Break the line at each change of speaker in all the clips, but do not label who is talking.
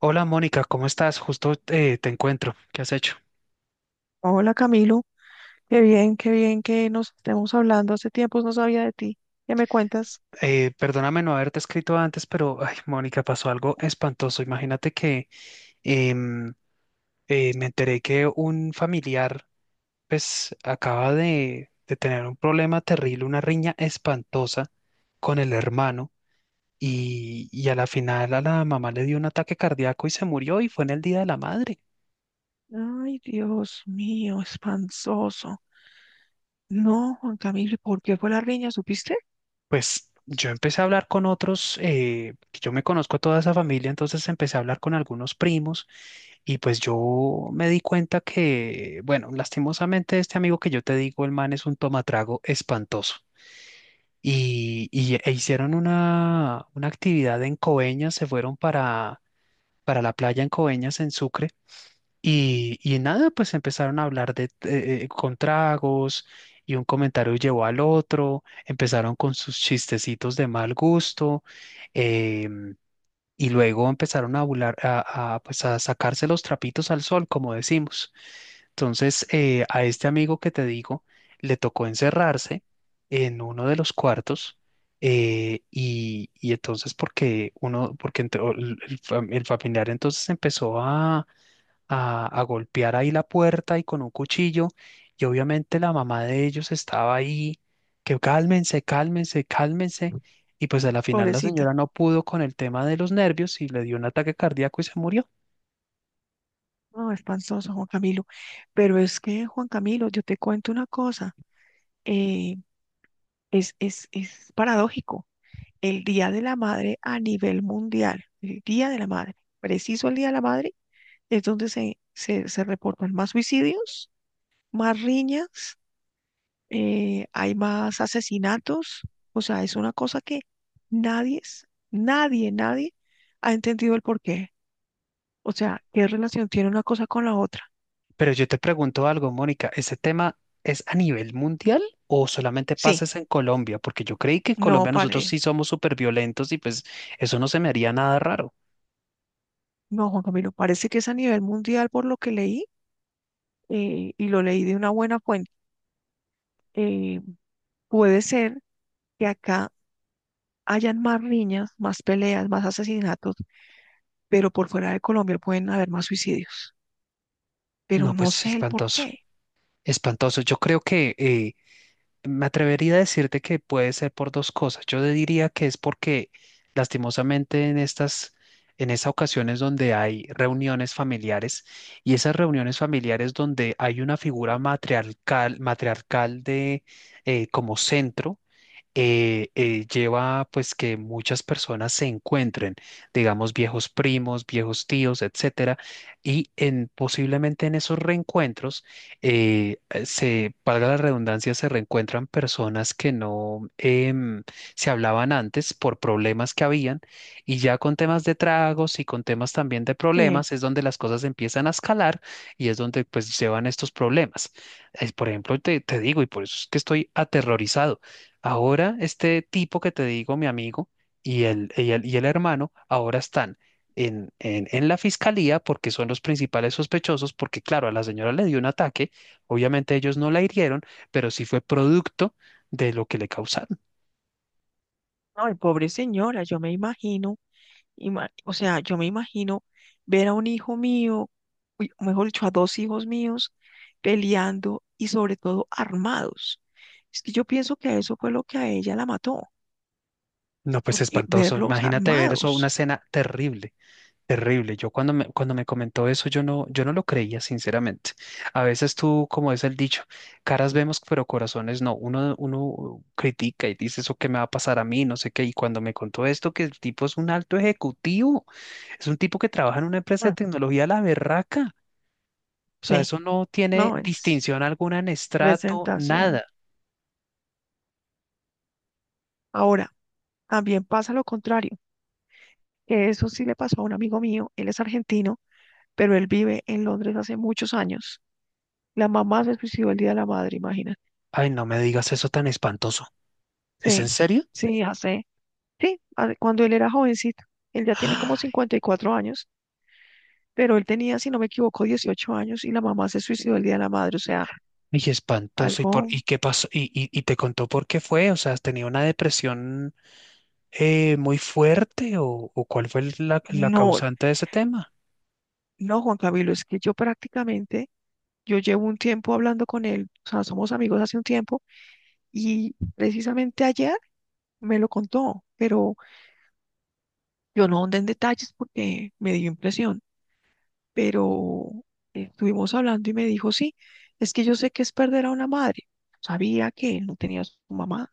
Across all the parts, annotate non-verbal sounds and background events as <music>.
Hola Mónica, ¿cómo estás? Justo te encuentro. ¿Qué has hecho?
Hola Camilo, qué bien que nos estemos hablando. Hace tiempos no sabía de ti. ¿Qué me cuentas?
Perdóname no haberte escrito antes, pero ay, Mónica, pasó algo espantoso. Imagínate que em, me enteré que un familiar pues acaba de tener un problema terrible, una riña espantosa con el hermano y a la final a la mamá le dio un ataque cardíaco y se murió y fue en el Día de la Madre.
Ay, Dios mío, espansoso. No, Juan Camilo, ¿por qué fue la riña? ¿Supiste?
Pues yo empecé a hablar con otros, que yo me conozco a toda esa familia, entonces empecé a hablar con algunos primos y pues yo me di cuenta que, bueno, lastimosamente este amigo que yo te digo, el man es un tomatrago espantoso. E hicieron una actividad en Coveñas, se fueron para la playa en Coveñas, en Sucre. Y nada, pues empezaron a hablar de con tragos y un comentario llevó al otro, empezaron con sus chistecitos de mal gusto, em, y luego empezaron a, bular- a, pues a sacarse los trapitos al sol, como decimos. Entonces, a este amigo que te digo, le tocó encerrarse en uno de los cuartos, y entonces porque uno, porque el familiar entonces empezó a golpear ahí la puerta y con un cuchillo. Y obviamente la mamá de ellos estaba ahí, que cálmense, cálmense, cálmense. Y pues a la final la
Pobrecita.
señora no pudo con el tema de los nervios y le dio un ataque cardíaco y se murió.
No, espansoso, Juan Camilo. Pero es que, Juan Camilo, yo te cuento una cosa. eh, es paradójico. El Día de la Madre a nivel mundial, el Día de la Madre, preciso el Día de la Madre, es donde se reportan más suicidios, más riñas, hay más asesinatos. O sea, es una cosa que nadie, es- nadie, nadie ha entendido el porqué. O sea, ¿qué relación tiene una cosa con la otra?
Pero yo te pregunto algo, Mónica, ¿ese tema es a nivel mundial o solamente pasa
Sí,
es en Colombia? Porque yo creí que en
no,
Colombia nosotros
pare,
sí somos súper violentos y pues eso no se me haría nada raro.
no, Juan Camilo, parece que es a nivel mundial por lo que leí, y lo leí de una buena fuente. Eh, puede ser que acá hayan más riñas, más peleas, más asesinatos, pero por fuera de Colombia pueden haber más suicidios. Pero
No,
no
pues
sé el
espantoso,
porqué.
espantoso. Yo creo que me atrevería a decirte que puede ser por dos cosas. Yo te diría que es porque lastimosamente en en esas ocasiones donde hay reuniones familiares y esas reuniones familiares donde hay una figura matriarcal, matriarcal de como centro, lleva pues que muchas personas se encuentren, digamos viejos primos, viejos tíos, etcétera, posiblemente en esos reencuentros, valga la redundancia, se reencuentran personas que no se hablaban antes por problemas que habían, y ya con temas de tragos y con temas también de
Sí.
problemas es donde las cosas empiezan a escalar y es donde pues llevan estos problemas. Por ejemplo, te digo, y por eso es que estoy aterrorizado. Ahora este tipo que te digo, mi amigo, y el hermano, ahora están en la fiscalía porque son los principales sospechosos, porque claro, a la señora le dio un ataque, obviamente ellos no la hirieron, pero sí fue producto de lo que le causaron.
Ay, pobre señora, yo me o sea, yo me imagino ver a un hijo mío, uy, o mejor dicho, a dos hijos míos peleando y sobre todo armados. Es que yo pienso que eso fue lo que a ella la mató,
No, pues
porque
espantoso.
verlos
Imagínate ver eso, una
armados,
escena terrible. Terrible. Yo cuando me comentó eso, yo no lo creía, sinceramente. A veces tú, como es el dicho, caras vemos, pero corazones no. Uno critica y dice eso que me va a pasar a mí, no sé qué. Y cuando me contó esto, que el tipo es un alto ejecutivo, es un tipo que trabaja en una empresa de
mm,
tecnología a la berraca. O sea,
sí,
eso no tiene
no es
distinción alguna en estrato,
presentación.
nada.
Ahora, también pasa lo contrario, que eso sí le pasó a un amigo mío, él es argentino, pero él vive en Londres hace muchos años. La mamá se suicidó el Día de la Madre, imagínate.
Ay, no me digas eso tan espantoso. ¿Es en
Sí,
serio?
sí, hace sí, cuando él era jovencito. Él ya tiene como
<gasps>
54 años, pero él tenía, si no me equivoco, 18 años y la mamá se suicidó el Día de la Madre. O sea,
Y espantoso. ¿Y,
algo,
y qué pasó? ¿Y, y te contó por qué fue? O sea, ¿tenía una depresión muy fuerte o cuál fue la
no,
causante de ese tema?
no, Juan Camilo, es que yo prácticamente, yo llevo un tiempo hablando con él, o sea, somos amigos hace un tiempo y precisamente ayer me lo contó, pero yo no ahondé en detalles porque me dio impresión, pero estuvimos hablando y me dijo, sí, es que yo sé que es perder a una madre. Sabía que él no tenía a su mamá.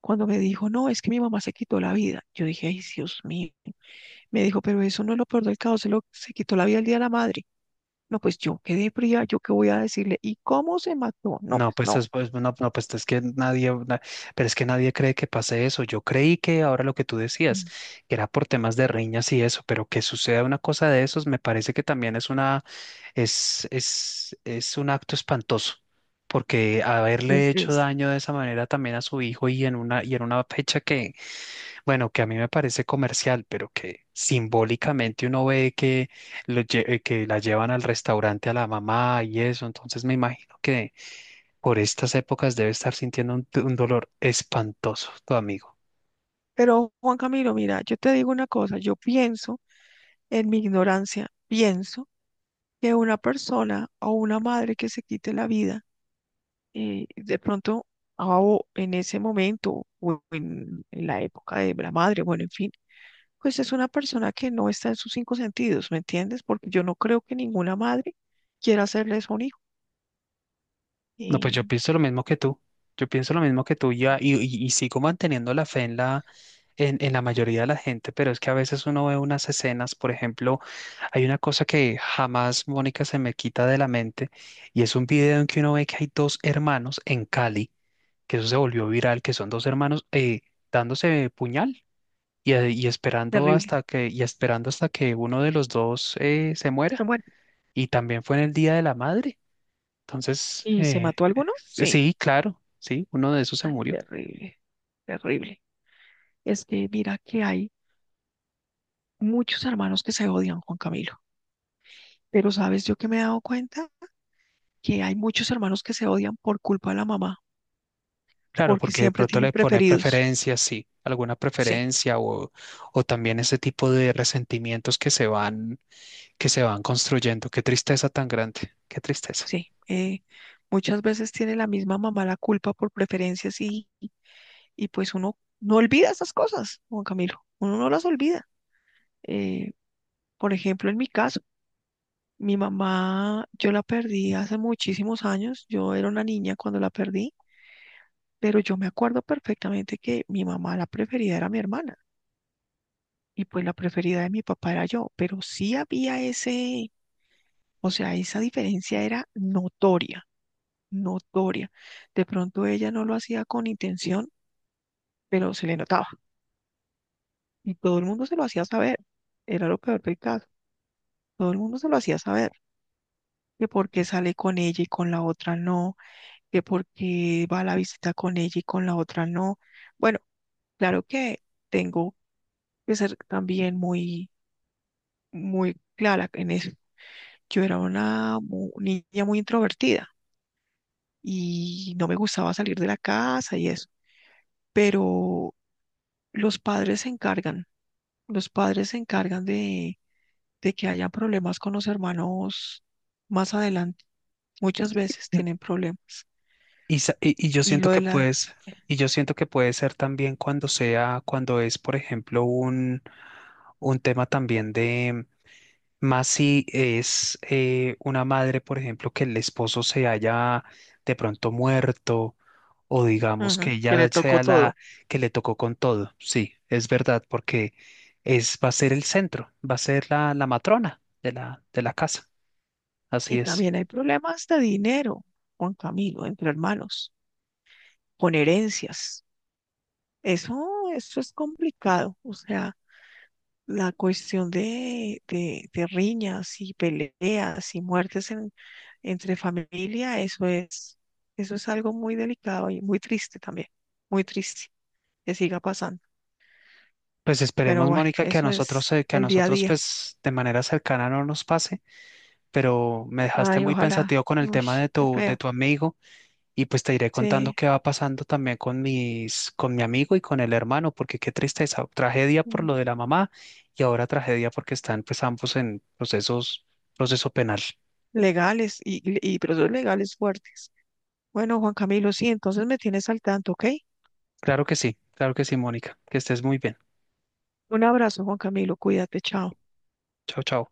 Cuando me dijo, no, es que mi mamá se quitó la vida, yo dije, ay, Dios mío. Me dijo, pero eso no es lo peor del caso, se quitó la vida el Día de la Madre. No, pues yo quedé fría, yo qué voy a decirle, ¿y cómo se mató? No,
No,
pues
pues,
no.
es, pues, no, pues es que nadie, na- pero es que nadie cree que pase eso. Yo creí que ahora lo que tú decías, que era por temas de riñas y eso, pero que suceda una cosa de esos, me parece que también es es un acto espantoso, porque haberle
Es-
hecho
es-
daño de esa manera también a su hijo y en y en una fecha que bueno, que a mí me parece comercial, pero que simbólicamente uno ve que, que la llevan al restaurante a la mamá y eso, entonces me imagino que por estas épocas debe estar sintiendo un dolor espantoso tu amigo.
Pero Juan Camilo, mira, yo te digo una cosa, yo pienso, en mi ignorancia, pienso que una persona o una madre que se quite la vida, de pronto, ah, o en ese momento, en la época de la madre, bueno, en fin, pues es una persona que no está en sus cinco sentidos, ¿me entiendes? Porque yo no creo que ninguna madre quiera hacerle eso a un hijo.
No, pues
Y
yo pienso lo mismo que tú. Yo pienso lo mismo que tú ya, y sigo manteniendo la fe en en la mayoría de la gente, pero es que a veces uno ve unas escenas, por ejemplo, hay una cosa que jamás, Mónica, se me quita de la mente, y es un video en que uno ve que hay dos hermanos en Cali, que eso se volvió viral, que son dos hermanos, dándose puñal y esperando
terrible.
hasta y esperando hasta que uno de los dos se
Pero
muera.
bueno,
Y también fue en el Día de la Madre. Entonces,
¿y se mató alguno? Sí.
sí, claro, sí, uno de esos se
Ay,
murió.
terrible, terrible. Es que mira que hay muchos hermanos que se odian, Juan Camilo. Pero sabes yo que me he dado cuenta que hay muchos hermanos que se odian por culpa de la mamá,
Claro,
porque
porque de
siempre
pronto
tienen
le pone
preferidos.
preferencia, sí, alguna
Sí.
preferencia o también ese tipo de resentimientos que se van construyendo. Qué tristeza tan grande, qué tristeza.
Sí, muchas veces tiene la misma mamá la culpa por preferencias y pues uno no olvida esas cosas, Juan Camilo, uno no las olvida. Eh, por ejemplo, en mi caso, mi mamá, yo la perdí hace muchísimos años, yo era una niña cuando la perdí, pero yo me acuerdo perfectamente que mi mamá la preferida era mi hermana y pues la preferida de mi papá era yo, pero sí había ese, o sea, esa diferencia era notoria, notoria. De pronto ella no lo hacía con intención pero se le notaba y todo el mundo se lo hacía saber. Era lo peor del caso. Todo el mundo se lo hacía saber. Que por qué sale con ella y con la otra no, que por qué va a la visita con ella y con la otra no. Bueno, claro que tengo que ser también muy, muy clara en eso. Yo era una niña muy introvertida y no me gustaba salir de la casa y eso, pero los padres se encargan, los padres se encargan de que haya problemas con los hermanos más adelante. Muchas veces
Mm.
tienen problemas.
Y, y yo
Y
siento
lo
que
de la,
y yo siento que puede ser también cuando sea, cuando es, por ejemplo, un tema también. Más si es una madre, por ejemplo, que el esposo se haya de pronto muerto o digamos que
ujú, que
ella
le tocó
sea la
todo.
que le tocó con todo. Sí, es verdad, porque es, va a ser el centro, va a ser la matrona de de la casa. Así
Y
es.
también hay problemas de dinero, Juan Camilo, entre hermanos, con herencias. Eso, eso es complicado. O sea, la cuestión de riñas y peleas y muertes en, entre familia, eso es algo muy delicado y muy triste también, muy triste que siga pasando.
Pues
Pero
esperemos,
bueno,
Mónica,
eso es
que a
el día a
nosotros,
día.
pues, de manera cercana no nos pase, pero me dejaste
Ay,
muy
ojalá.
pensativo con el
Uy,
tema de
qué
de
feo.
tu amigo. Y pues te iré contando
Sí,
qué va pasando también con mis, con mi amigo y con el hermano, porque qué tristeza, tragedia por
mm,
lo de la mamá y ahora tragedia porque están pues ambos en procesos, proceso penal.
legales y procesos legales fuertes. Bueno, Juan Camilo, sí, entonces me tienes al tanto, ¿ok?
Claro que sí, Mónica, que estés muy bien.
Un abrazo, Juan Camilo, cuídate, chao.
Chao, chao.